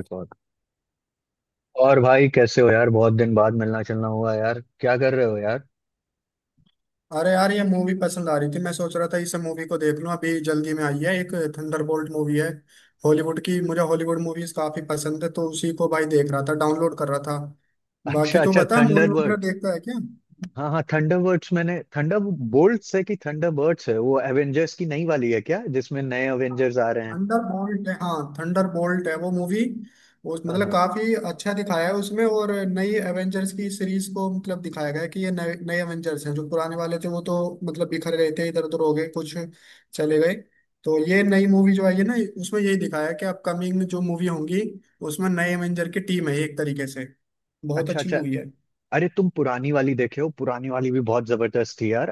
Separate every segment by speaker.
Speaker 1: Record. और भाई कैसे हो यार? बहुत दिन बाद मिलना चलना हुआ यार। क्या कर रहे हो यार?
Speaker 2: अरे यार ये मूवी पसंद आ रही थी। मैं सोच रहा था इस मूवी को देख लूं। अभी जल्दी में आई है एक थंडरबोल्ट मूवी है हॉलीवुड की। मुझे हॉलीवुड मूवीज काफी पसंद है, तो उसी को भाई देख रहा था, डाउनलोड कर रहा था। बाकी
Speaker 1: अच्छा
Speaker 2: तू
Speaker 1: अच्छा,
Speaker 2: बता मूवी वगैरह
Speaker 1: थंडरबर्ड्स।
Speaker 2: देखता है क्या?
Speaker 1: हाँ हाँ, थंडरबर्ड्स। मैंने थंडर बोल्ट है कि थंडरबर्ड्स है? वो एवेंजर्स की नई वाली है क्या जिसमें नए एवेंजर्स आ रहे हैं?
Speaker 2: थंडर बोल्ट है, हाँ थंडर बोल्ट है वो मूवी। वो
Speaker 1: हाँ
Speaker 2: मतलब
Speaker 1: हाँ।
Speaker 2: काफी अच्छा दिखाया है उसमें, और नई एवेंजर्स की सीरीज को मतलब दिखाया गया है कि ये नए नए एवेंजर्स हैं, जो पुराने वाले थे वो तो मतलब बिखर गए थे, इधर उधर हो गए, कुछ चले गए। तो ये नई मूवी जो आई है ना, उसमें यही दिखाया है कि अपकमिंग जो मूवी होंगी उसमें नए एवेंजर की टीम है एक तरीके से। बहुत
Speaker 1: अच्छा
Speaker 2: अच्छी
Speaker 1: अच्छा।
Speaker 2: मूवी है।
Speaker 1: अरे तुम पुरानी वाली देखे हो? पुरानी वाली भी बहुत जबरदस्त थी यार।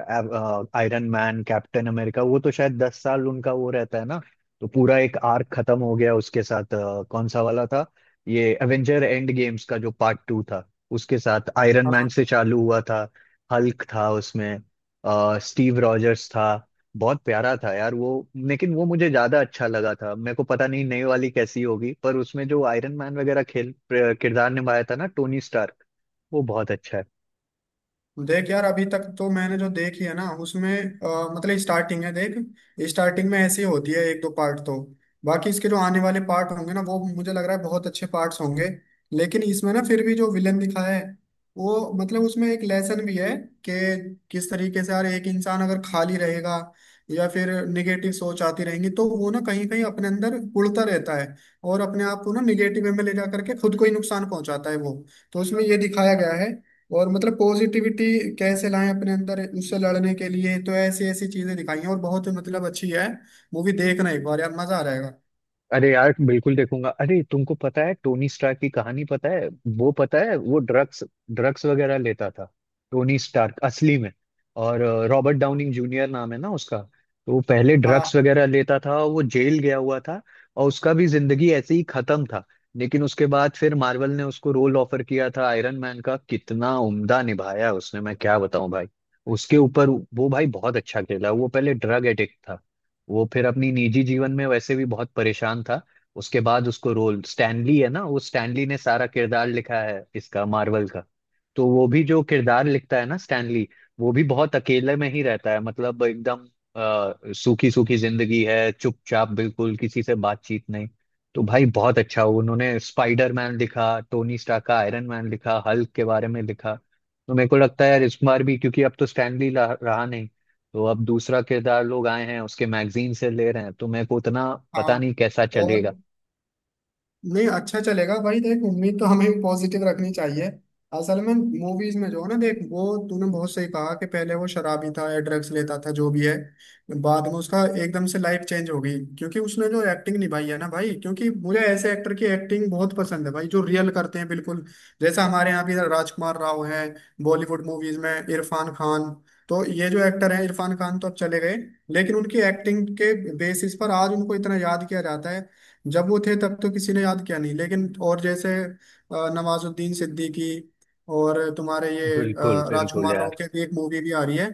Speaker 1: आयरन मैन, कैप्टन अमेरिका, वो तो शायद 10 साल उनका वो रहता है ना। तो पूरा एक आर्क खत्म हो गया उसके साथ। कौन सा वाला था? ये एवेंजर एंड गेम्स का जो पार्ट टू था, उसके साथ आयरन मैन
Speaker 2: हाँ।
Speaker 1: से चालू हुआ था। हल्क था उसमें। स्टीव रॉजर्स था। बहुत प्यारा था यार वो। लेकिन वो मुझे ज्यादा अच्छा लगा था। मेरे को पता नहीं नई वाली कैसी होगी, पर उसमें जो आयरन मैन वगैरह खेल किरदार निभाया था ना, टोनी स्टार वो बहुत अच्छा है।
Speaker 2: देख यार, अभी तक तो मैंने जो देखी है ना उसमें मतलब स्टार्टिंग है देख। स्टार्टिंग में ऐसी होती है एक दो पार्ट तो। बाकी इसके जो आने वाले पार्ट होंगे ना वो मुझे लग रहा है बहुत अच्छे पार्ट्स होंगे। लेकिन इसमें ना फिर भी जो विलन दिखाया है वो मतलब उसमें एक लेसन भी है, कि किस तरीके से यार एक इंसान अगर खाली रहेगा या फिर निगेटिव सोच आती रहेंगी तो वो ना कहीं कहीं अपने अंदर उड़ता रहता है और अपने आप को ना निगेटिव में ले जा करके खुद को ही नुकसान पहुंचाता है वो। तो उसमें ये दिखाया गया है और मतलब पॉजिटिविटी कैसे लाएं अपने अंदर उससे लड़ने के लिए। तो ऐसी ऐसी चीजें दिखाई हैं और बहुत मतलब अच्छी है। मूवी देखना एक बार यार, मजा आ जाएगा।
Speaker 1: अरे यार, बिल्कुल देखूंगा। अरे तुमको पता है टोनी स्टार्क की कहानी पता है? वो पता है, वो ड्रग्स ड्रग्स वगैरह लेता था, टोनी स्टार्क असली में। और रॉबर्ट डाउनिंग जूनियर नाम है ना उसका, तो वो पहले ड्रग्स
Speaker 2: हाँ
Speaker 1: वगैरह लेता था और वो जेल गया हुआ था। और उसका भी जिंदगी ऐसे ही खत्म था। लेकिन उसके बाद फिर मार्वल ने उसको रोल ऑफर किया था आयरन मैन का। कितना उम्दा निभाया उसने, मैं क्या बताऊं भाई। उसके ऊपर वो भाई बहुत अच्छा खेला। वो पहले ड्रग एडिक्ट था। वो फिर अपनी निजी जीवन में वैसे भी बहुत परेशान था। उसके बाद उसको रोल, स्टैनली है ना, वो स्टैनली ने सारा किरदार लिखा है इसका मार्वल का। तो वो भी जो किरदार लिखता है ना स्टैनली, वो भी बहुत अकेले में ही रहता है, मतलब एकदम। सूखी सूखी जिंदगी है, चुपचाप, बिल्कुल किसी से बातचीत नहीं। तो भाई बहुत अच्छा, उन्होंने स्पाइडर मैन लिखा, टोनी स्टार्क का आयरन मैन लिखा, हल्क के बारे में लिखा। तो मेरे को लगता है यार इस बार भी, क्योंकि अब तो स्टैनली रहा नहीं। तो अब दूसरा किरदार लोग आए हैं, उसके मैगजीन से ले रहे हैं, तो मेरे को उतना पता
Speaker 2: हाँ।
Speaker 1: नहीं कैसा
Speaker 2: और
Speaker 1: चलेगा।
Speaker 2: नहीं, अच्छा चलेगा भाई, देख उम्मीद तो हमें पॉजिटिव रखनी चाहिए। असल में मूवीज में जो है ना देख, वो तूने बहुत सही कहा कि पहले वो शराबी था या ड्रग्स लेता था जो भी है। बाद में उसका एकदम से लाइफ चेंज हो गई, क्योंकि उसने जो एक्टिंग निभाई है ना भाई, क्योंकि मुझे ऐसे एक्टर की एक्टिंग बहुत पसंद है भाई जो रियल करते हैं बिल्कुल। जैसा हमारे यहाँ भी राजकुमार राव हैं, बॉलीवुड मूवीज में इरफान खान। तो ये जो एक्टर हैं, इरफान खान तो अब चले गए, लेकिन उनकी एक्टिंग के बेसिस पर आज उनको इतना याद किया जाता है। जब वो थे तब तो किसी ने याद किया नहीं। लेकिन और जैसे नवाजुद्दीन सिद्दीकी, और तुम्हारे ये
Speaker 1: बिल्कुल बिल्कुल
Speaker 2: राजकुमार राव
Speaker 1: यार।
Speaker 2: के भी एक मूवी भी आ रही है।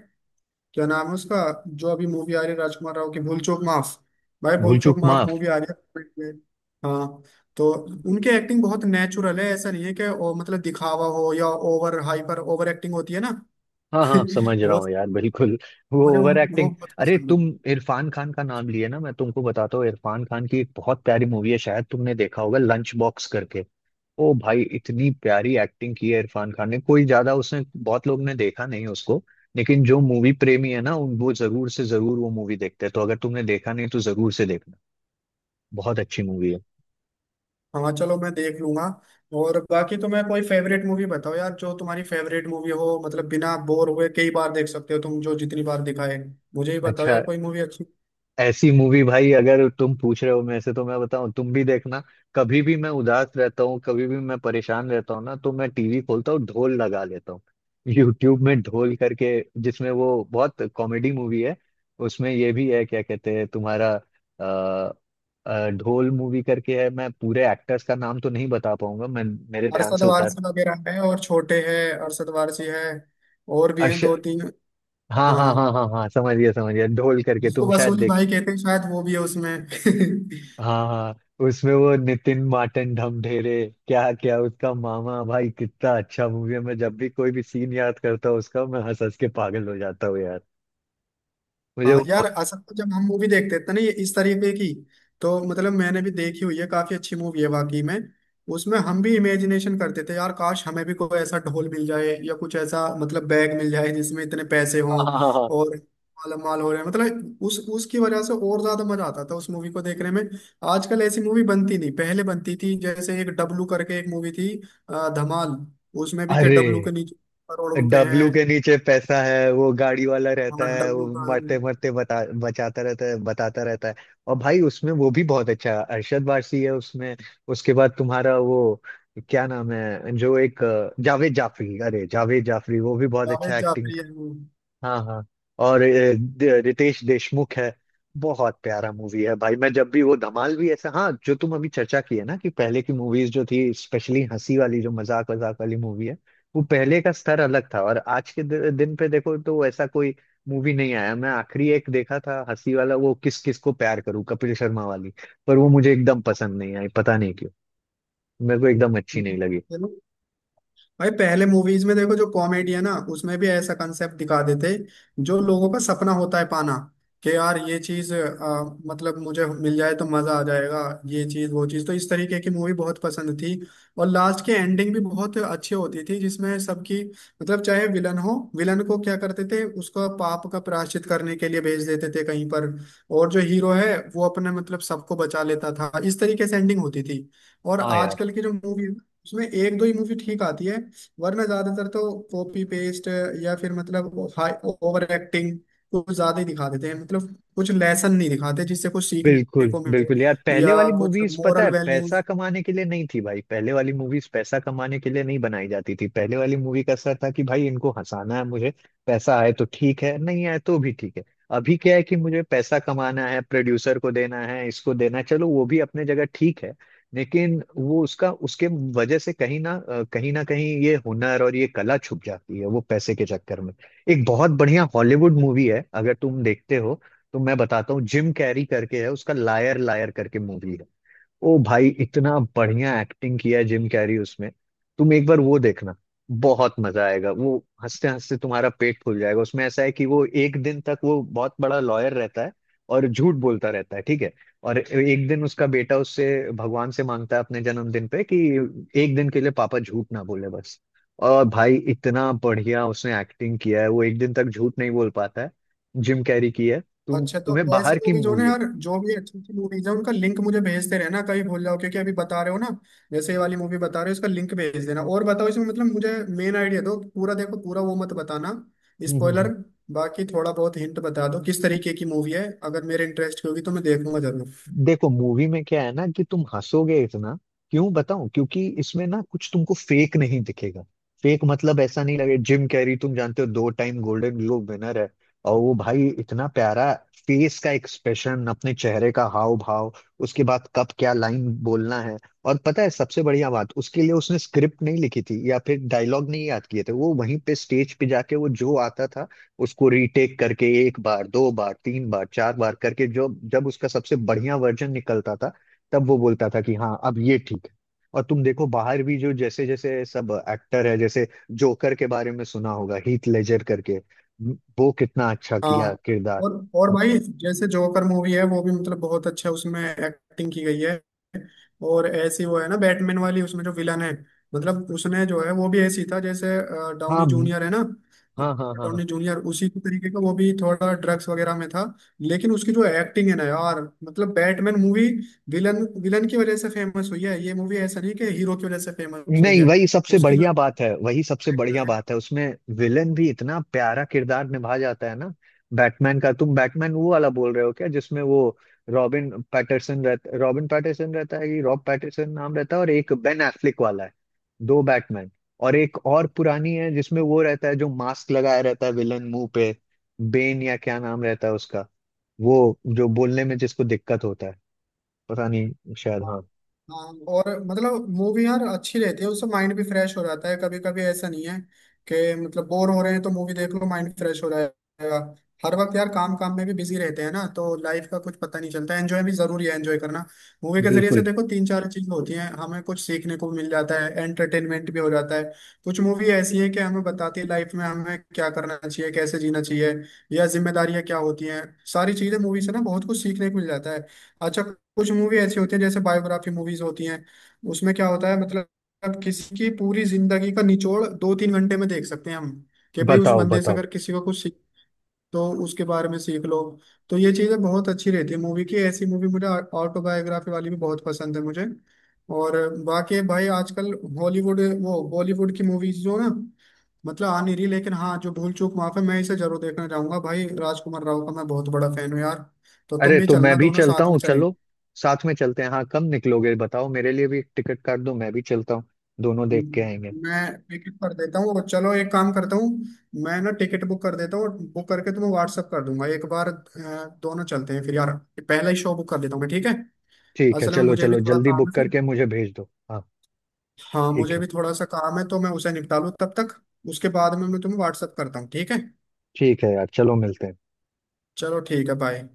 Speaker 2: क्या नाम है उसका जो अभी मूवी आ रही है राजकुमार राव की? भूल चूक माफ। भाई भूल
Speaker 1: भूल
Speaker 2: चूक
Speaker 1: चूक
Speaker 2: माफ
Speaker 1: माफ।
Speaker 2: मूवी आ रही है। हाँ। तो उनकी एक्टिंग बहुत नेचुरल है, ऐसा नहीं है कि मतलब दिखावा हो या ओवर हाइपर, ओवर एक्टिंग होती है ना।
Speaker 1: हाँ हाँ, समझ रहा
Speaker 2: वो
Speaker 1: हूँ यार, बिल्कुल। वो ओवर
Speaker 2: वो
Speaker 1: एक्टिंग।
Speaker 2: बहुत
Speaker 1: अरे
Speaker 2: पसंद है।
Speaker 1: तुम इरफान खान का नाम लिए ना, मैं तुमको बताता हूँ, इरफान खान की एक बहुत प्यारी मूवी है, शायद तुमने देखा होगा, लंच बॉक्स करके। ओ भाई, इतनी प्यारी एक्टिंग की है इरफान खान ने, कोई ज्यादा उसने बहुत लोग ने देखा नहीं उसको। लेकिन जो मूवी प्रेमी है ना, वो जरूर से जरूर वो मूवी देखते हैं, तो अगर तुमने देखा नहीं तो जरूर से देखना। बहुत अच्छी मूवी है।
Speaker 2: हाँ चलो मैं देख लूंगा। और बाकी तुम्हें कोई फेवरेट मूवी बताओ यार, जो तुम्हारी फेवरेट मूवी हो मतलब बिना बोर हुए कई बार देख सकते हो तुम, जो जितनी बार दिखाए। मुझे ही बताओ
Speaker 1: अच्छा।
Speaker 2: यार कोई मूवी अच्छी।
Speaker 1: ऐसी मूवी भाई, अगर तुम पूछ रहे हो मेरे से तो मैं बताऊं, तुम भी देखना। कभी भी मैं उदास रहता हूँ, कभी भी मैं परेशान रहता हूँ ना, तो मैं टीवी खोलता हूँ, ढोल लगा लेता हूँ। यूट्यूब में ढोल करके। जिसमें वो बहुत कॉमेडी मूवी है। उसमें ये भी है, क्या कहते हैं तुम्हारा, अ, ढोल मूवी करके है। मैं पूरे एक्टर्स का नाम तो नहीं बता पाऊंगा मैं। मेरे ध्यान
Speaker 2: अरशद
Speaker 1: से उतार।
Speaker 2: वारसी वगैरह है और छोटे है, अरशद वारसी है और भी हैं
Speaker 1: अर्श
Speaker 2: दो तीन।
Speaker 1: हाँ
Speaker 2: हाँ,
Speaker 1: हाँ हाँ हाँ हाँ, समझ गया समझ गया, ढोल करके
Speaker 2: जिसको
Speaker 1: तुम शायद
Speaker 2: वसूली
Speaker 1: देख।
Speaker 2: भाई कहते हैं शायद वो भी है उसमें।
Speaker 1: हाँ हाँ, उसमें वो नितिन माटन ढमढेरे। क्या क्या उसका मामा भाई, कितना अच्छा मूवी है, मैं जब भी कोई भी सीन याद करता हूँ उसका, मैं हंस हंस के पागल हो जाता हूँ यार। मुझे
Speaker 2: हाँ
Speaker 1: वो
Speaker 2: यार, असल में जब हम मूवी देखते थे ना ये इस तरीके की, तो मतलब मैंने भी देखी हुई है, काफी अच्छी मूवी है वाकई में। उसमें हम भी इमेजिनेशन करते थे यार, काश हमें भी कोई ऐसा ढोल मिल जाए या कुछ ऐसा मतलब बैग मिल जाए जिसमें इतने पैसे हों
Speaker 1: हाँ हाँ हाँ हाँ।
Speaker 2: और मालामाल हो रहे हैं। मतलब उस उसकी वजह से और ज्यादा मजा आता था उस मूवी को देखने में। आजकल ऐसी मूवी बनती नहीं, पहले बनती थी, जैसे एक डब्लू करके एक मूवी थी धमाल। उसमें भी के
Speaker 1: अरे,
Speaker 2: डब्लू के नीचे करोड़ रुपए हैं।
Speaker 1: डब्लू के नीचे पैसा है, वो गाड़ी वाला रहता
Speaker 2: हाँ
Speaker 1: है, वो
Speaker 2: डब्लू का।
Speaker 1: मरते मरते बता बचाता रहता है, बताता रहता है। और भाई उसमें वो भी बहुत अच्छा है, अरशद वारसी है उसमें। उसके बाद तुम्हारा वो क्या नाम है, जो एक जावेद जाफरी, अरे जावेद जाफरी, वो भी बहुत
Speaker 2: जावेद
Speaker 1: अच्छा एक्टिंग।
Speaker 2: जाफरी है वो।
Speaker 1: हाँ हाँ। और रितेश देशमुख है। बहुत प्यारा मूवी है भाई। मैं जब भी वो धमाल भी ऐसा, हाँ, जो तुम अभी चर्चा की है ना कि पहले की मूवीज जो थी, स्पेशली हंसी वाली, जो मजाक मजाक वाली मूवी है। वो पहले का स्तर अलग था, और आज के दिन पे देखो तो ऐसा कोई मूवी नहीं आया। मैं आखिरी एक देखा था हंसी वाला, वो किस किस को प्यार करूं, कपिल शर्मा वाली। पर वो मुझे एकदम पसंद नहीं आई, पता नहीं क्यों। मेरे को एकदम अच्छी नहीं लगी।
Speaker 2: चलो भाई, पहले मूवीज में देखो जो कॉमेडी है ना उसमें भी ऐसा कंसेप्ट दिखा देते जो लोगों का सपना होता है पाना, कि यार ये चीज मतलब मुझे मिल जाए तो मजा आ जाएगा। ये चीज वो चीज, तो इस तरीके की मूवी बहुत पसंद थी। और लास्ट की एंडिंग भी बहुत अच्छी होती थी जिसमें सबकी मतलब, चाहे विलन हो, विलन को क्या करते थे उसको पाप का प्रायश्चित करने के लिए भेज देते थे कहीं पर, और जो हीरो है वो अपने मतलब सबको बचा लेता था। इस तरीके से एंडिंग होती थी। और आजकल की जो मूवी, उसमें एक दो ही मूवी ठीक आती है, वरना ज्यादातर तो कॉपी पेस्ट या फिर मतलब हाई ओवर एक्टिंग, कुछ ज्यादा ही दिखा देते हैं मतलब। कुछ लेसन नहीं दिखाते जिससे कुछ सीखने
Speaker 1: बिल्कुल
Speaker 2: को मिले,
Speaker 1: बिल्कुल यार। पहले
Speaker 2: या
Speaker 1: वाली
Speaker 2: कुछ
Speaker 1: मूवीज पता
Speaker 2: मोरल
Speaker 1: है पैसा
Speaker 2: वैल्यूज।
Speaker 1: कमाने के लिए नहीं थी भाई, पहले वाली मूवीज पैसा कमाने के लिए नहीं बनाई जाती थी, पहले वाली मूवी का असर था कि भाई इनको हंसाना है मुझे। पैसा आए तो ठीक है, नहीं आए तो भी ठीक है। अभी क्या है कि मुझे पैसा कमाना है, प्रोड्यूसर को देना है, इसको देना है, चलो वो भी अपने जगह ठीक है। लेकिन वो उसका उसके वजह से, कहीं ना कहीं ये हुनर और ये कला छुप जाती है वो पैसे के चक्कर में। एक बहुत बढ़िया हॉलीवुड मूवी है, अगर तुम देखते हो तो मैं बताता हूँ। जिम कैरी करके है उसका, लायर लायर करके मूवी है। ओ भाई, इतना बढ़िया एक्टिंग किया है जिम कैरी उसमें। तुम एक बार वो देखना। बहुत मजा आएगा वो। हंसते हंसते तुम्हारा पेट फूल जाएगा। उसमें ऐसा है कि वो एक दिन तक वो बहुत बड़ा लॉयर रहता है। और झूठ बोलता रहता है, ठीक है। और एक दिन उसका बेटा उससे, भगवान से मांगता है अपने जन्मदिन पे कि एक दिन के लिए पापा झूठ ना बोले, बस। और भाई इतना बढ़िया उसने एक्टिंग किया है, वो एक दिन तक झूठ नहीं बोल पाता है। जिम कैरी की है। तुम
Speaker 2: अच्छा, तो
Speaker 1: तुम्हें
Speaker 2: ऐसे
Speaker 1: बाहर की
Speaker 2: मूवीज हो ना
Speaker 1: मूवी
Speaker 2: यार, जो भी अच्छी अच्छी मूवीज है उनका लिंक मुझे भेजते रहना कहीं भूल जाओ, क्योंकि अभी बता रहे हो ना। जैसे ये वाली मूवी बता रहे हो, इसका लिंक भेज देना, और बताओ इसमें मतलब मुझे मेन आइडिया दो, पूरा देखो पूरा वो मत बताना।
Speaker 1: है
Speaker 2: स्पॉइलर। बाकी थोड़ा बहुत हिंट बता दो किस तरीके की मूवी है, अगर मेरे इंटरेस्ट की होगी तो मैं देखूंगा जरूर।
Speaker 1: देखो मूवी में क्या है ना कि तुम हंसोगे इतना, क्यों बताऊं, क्योंकि इसमें ना कुछ तुमको फेक नहीं दिखेगा। फेक मतलब ऐसा नहीं लगे। जिम कैरी तुम जानते हो दो टाइम गोल्डन ग्लोब विनर है। और वो भाई इतना प्यारा, फेस का एक्सप्रेशन, अपने चेहरे का हाव भाव, उसके बाद कब क्या लाइन बोलना है। और पता है सबसे बढ़िया बात, उसके लिए उसने स्क्रिप्ट नहीं लिखी थी या फिर डायलॉग नहीं याद किए थे, वो वहीं पे स्टेज पे जाके वो जो आता था, उसको रीटेक करके एक बार, दो बार, तीन बार, चार बार करके, जो जब उसका सबसे बढ़िया वर्जन निकलता था, तब वो बोलता था कि हाँ अब ये ठीक है। और तुम देखो बाहर भी जो जैसे जैसे सब एक्टर है, जैसे जोकर के बारे में सुना होगा, हीथ लेजर करके, वो कितना अच्छा किया
Speaker 2: हाँ।
Speaker 1: किरदार।
Speaker 2: और और भाई, जैसे जोकर मूवी है वो भी मतलब बहुत अच्छा उसमें एक्टिंग की गई है। और ऐसी वो है ना बैटमैन वाली, उसमें जो विलन है मतलब उसने जो है वो भी ऐसी था जैसे डाउनी
Speaker 1: हाँ
Speaker 2: जूनियर है ना।
Speaker 1: हाँ हाँ हाँ।
Speaker 2: डाउनी जूनियर उसी तरीके का वो भी थोड़ा ड्रग्स वगैरह में था, लेकिन उसकी जो एक्टिंग है ना यार, मतलब बैटमैन मूवी विलन विलन की वजह से फेमस हुई है ये मूवी, ऐसा नहीं कि हीरो की वजह से फेमस हुई
Speaker 1: नहीं,
Speaker 2: है।
Speaker 1: वही सबसे
Speaker 2: उसकी
Speaker 1: बढ़िया बात है, वही सबसे
Speaker 2: जो,
Speaker 1: बढ़िया बात है उसमें। विलन भी इतना प्यारा किरदार निभा जाता है ना। बैटमैन का, तुम बैटमैन वो वाला बोल रहे हो क्या जिसमें वो रॉबिन पैटरसन रहता है, कि रॉब पैटरसन नाम रहता है, और एक बेन एफ्लिक वाला है। दो बैटमैन। और एक और पुरानी है जिसमें वो रहता है जो मास्क लगाया रहता है विलन, मुंह पे। बेन या क्या नाम रहता है उसका, वो जो बोलने में जिसको दिक्कत होता है। पता नहीं, शायद
Speaker 2: हाँ
Speaker 1: हाँ।
Speaker 2: हाँ, और मतलब मूवी यार अच्छी रहती है, उससे माइंड भी फ्रेश हो जाता है कभी कभी। ऐसा नहीं है कि मतलब बोर हो रहे हैं तो मूवी देख लो माइंड फ्रेश हो जाएगा। हर वक्त यार काम काम में भी बिजी रहते हैं ना, तो लाइफ का कुछ पता नहीं चलता, एंजॉय भी जरूरी है एंजॉय करना। मूवी के जरिए से
Speaker 1: बिल्कुल।
Speaker 2: देखो तीन चार चीजें होती हैं, हमें कुछ सीखने को भी मिल जाता है, एंटरटेनमेंट भी हो जाता है। कुछ मूवी ऐसी है कि हमें बताती है लाइफ में हमें क्या करना चाहिए, कैसे जीना चाहिए, या जिम्मेदारियां क्या होती हैं। सारी चीजें मूवी से ना बहुत कुछ सीखने को मिल जाता है। अच्छा, कुछ मूवी ऐसी होती है जैसे बायोग्राफी मूवीज होती हैं, उसमें क्या होता है मतलब किसी की पूरी जिंदगी का निचोड़ दो तीन घंटे में देख सकते हैं हम, कि भाई उस
Speaker 1: बताओ
Speaker 2: बंदे से
Speaker 1: बताओ।
Speaker 2: अगर किसी को कुछ सीख, तो उसके बारे में सीख लो। तो ये चीजें बहुत अच्छी रहती है मूवी की, ऐसी मूवी मुझे ऑटोबायोग्राफी वाली भी बहुत पसंद है मुझे। और बाकी भाई आजकल हॉलीवुड वो बॉलीवुड की मूवीज जो ना मतलब आ नहीं रही, लेकिन हाँ जो भूल चूक माफ है मैं इसे जरूर देखना चाहूंगा भाई, राजकुमार राव का मैं बहुत बड़ा फैन हूँ यार। तो तुम
Speaker 1: अरे
Speaker 2: भी
Speaker 1: तो मैं
Speaker 2: चलना,
Speaker 1: भी
Speaker 2: दोनों
Speaker 1: चलता
Speaker 2: साथ में
Speaker 1: हूँ
Speaker 2: चलेंगे।
Speaker 1: चलो। साथ में चलते हैं, हाँ। कब निकलोगे बताओ? मेरे लिए भी एक टिकट काट दो, मैं भी चलता हूँ। दोनों देख के आएंगे।
Speaker 2: मैं टिकट कर देता हूँ, और चलो एक काम करता हूँ, मैं ना टिकट बुक कर देता हूँ और बुक करके तुम्हें व्हाट्सअप कर दूंगा एक बार, दोनों चलते हैं फिर यार। पहला ही शो बुक कर देता हूँ मैं, ठीक है?
Speaker 1: ठीक है,
Speaker 2: असल में
Speaker 1: चलो
Speaker 2: मुझे भी
Speaker 1: चलो,
Speaker 2: थोड़ा
Speaker 1: जल्दी
Speaker 2: काम है
Speaker 1: बुक
Speaker 2: फिर,
Speaker 1: करके मुझे भेज दो, हाँ।
Speaker 2: हाँ
Speaker 1: ठीक
Speaker 2: मुझे
Speaker 1: है।
Speaker 2: भी थोड़ा सा काम है तो मैं उसे निपटा लूँ तब तक। उसके बाद में मैं तुम्हें व्हाट्सअप करता हूँ, ठीक है?
Speaker 1: ठीक है यार, चलो मिलते हैं।
Speaker 2: चलो ठीक है, बाय।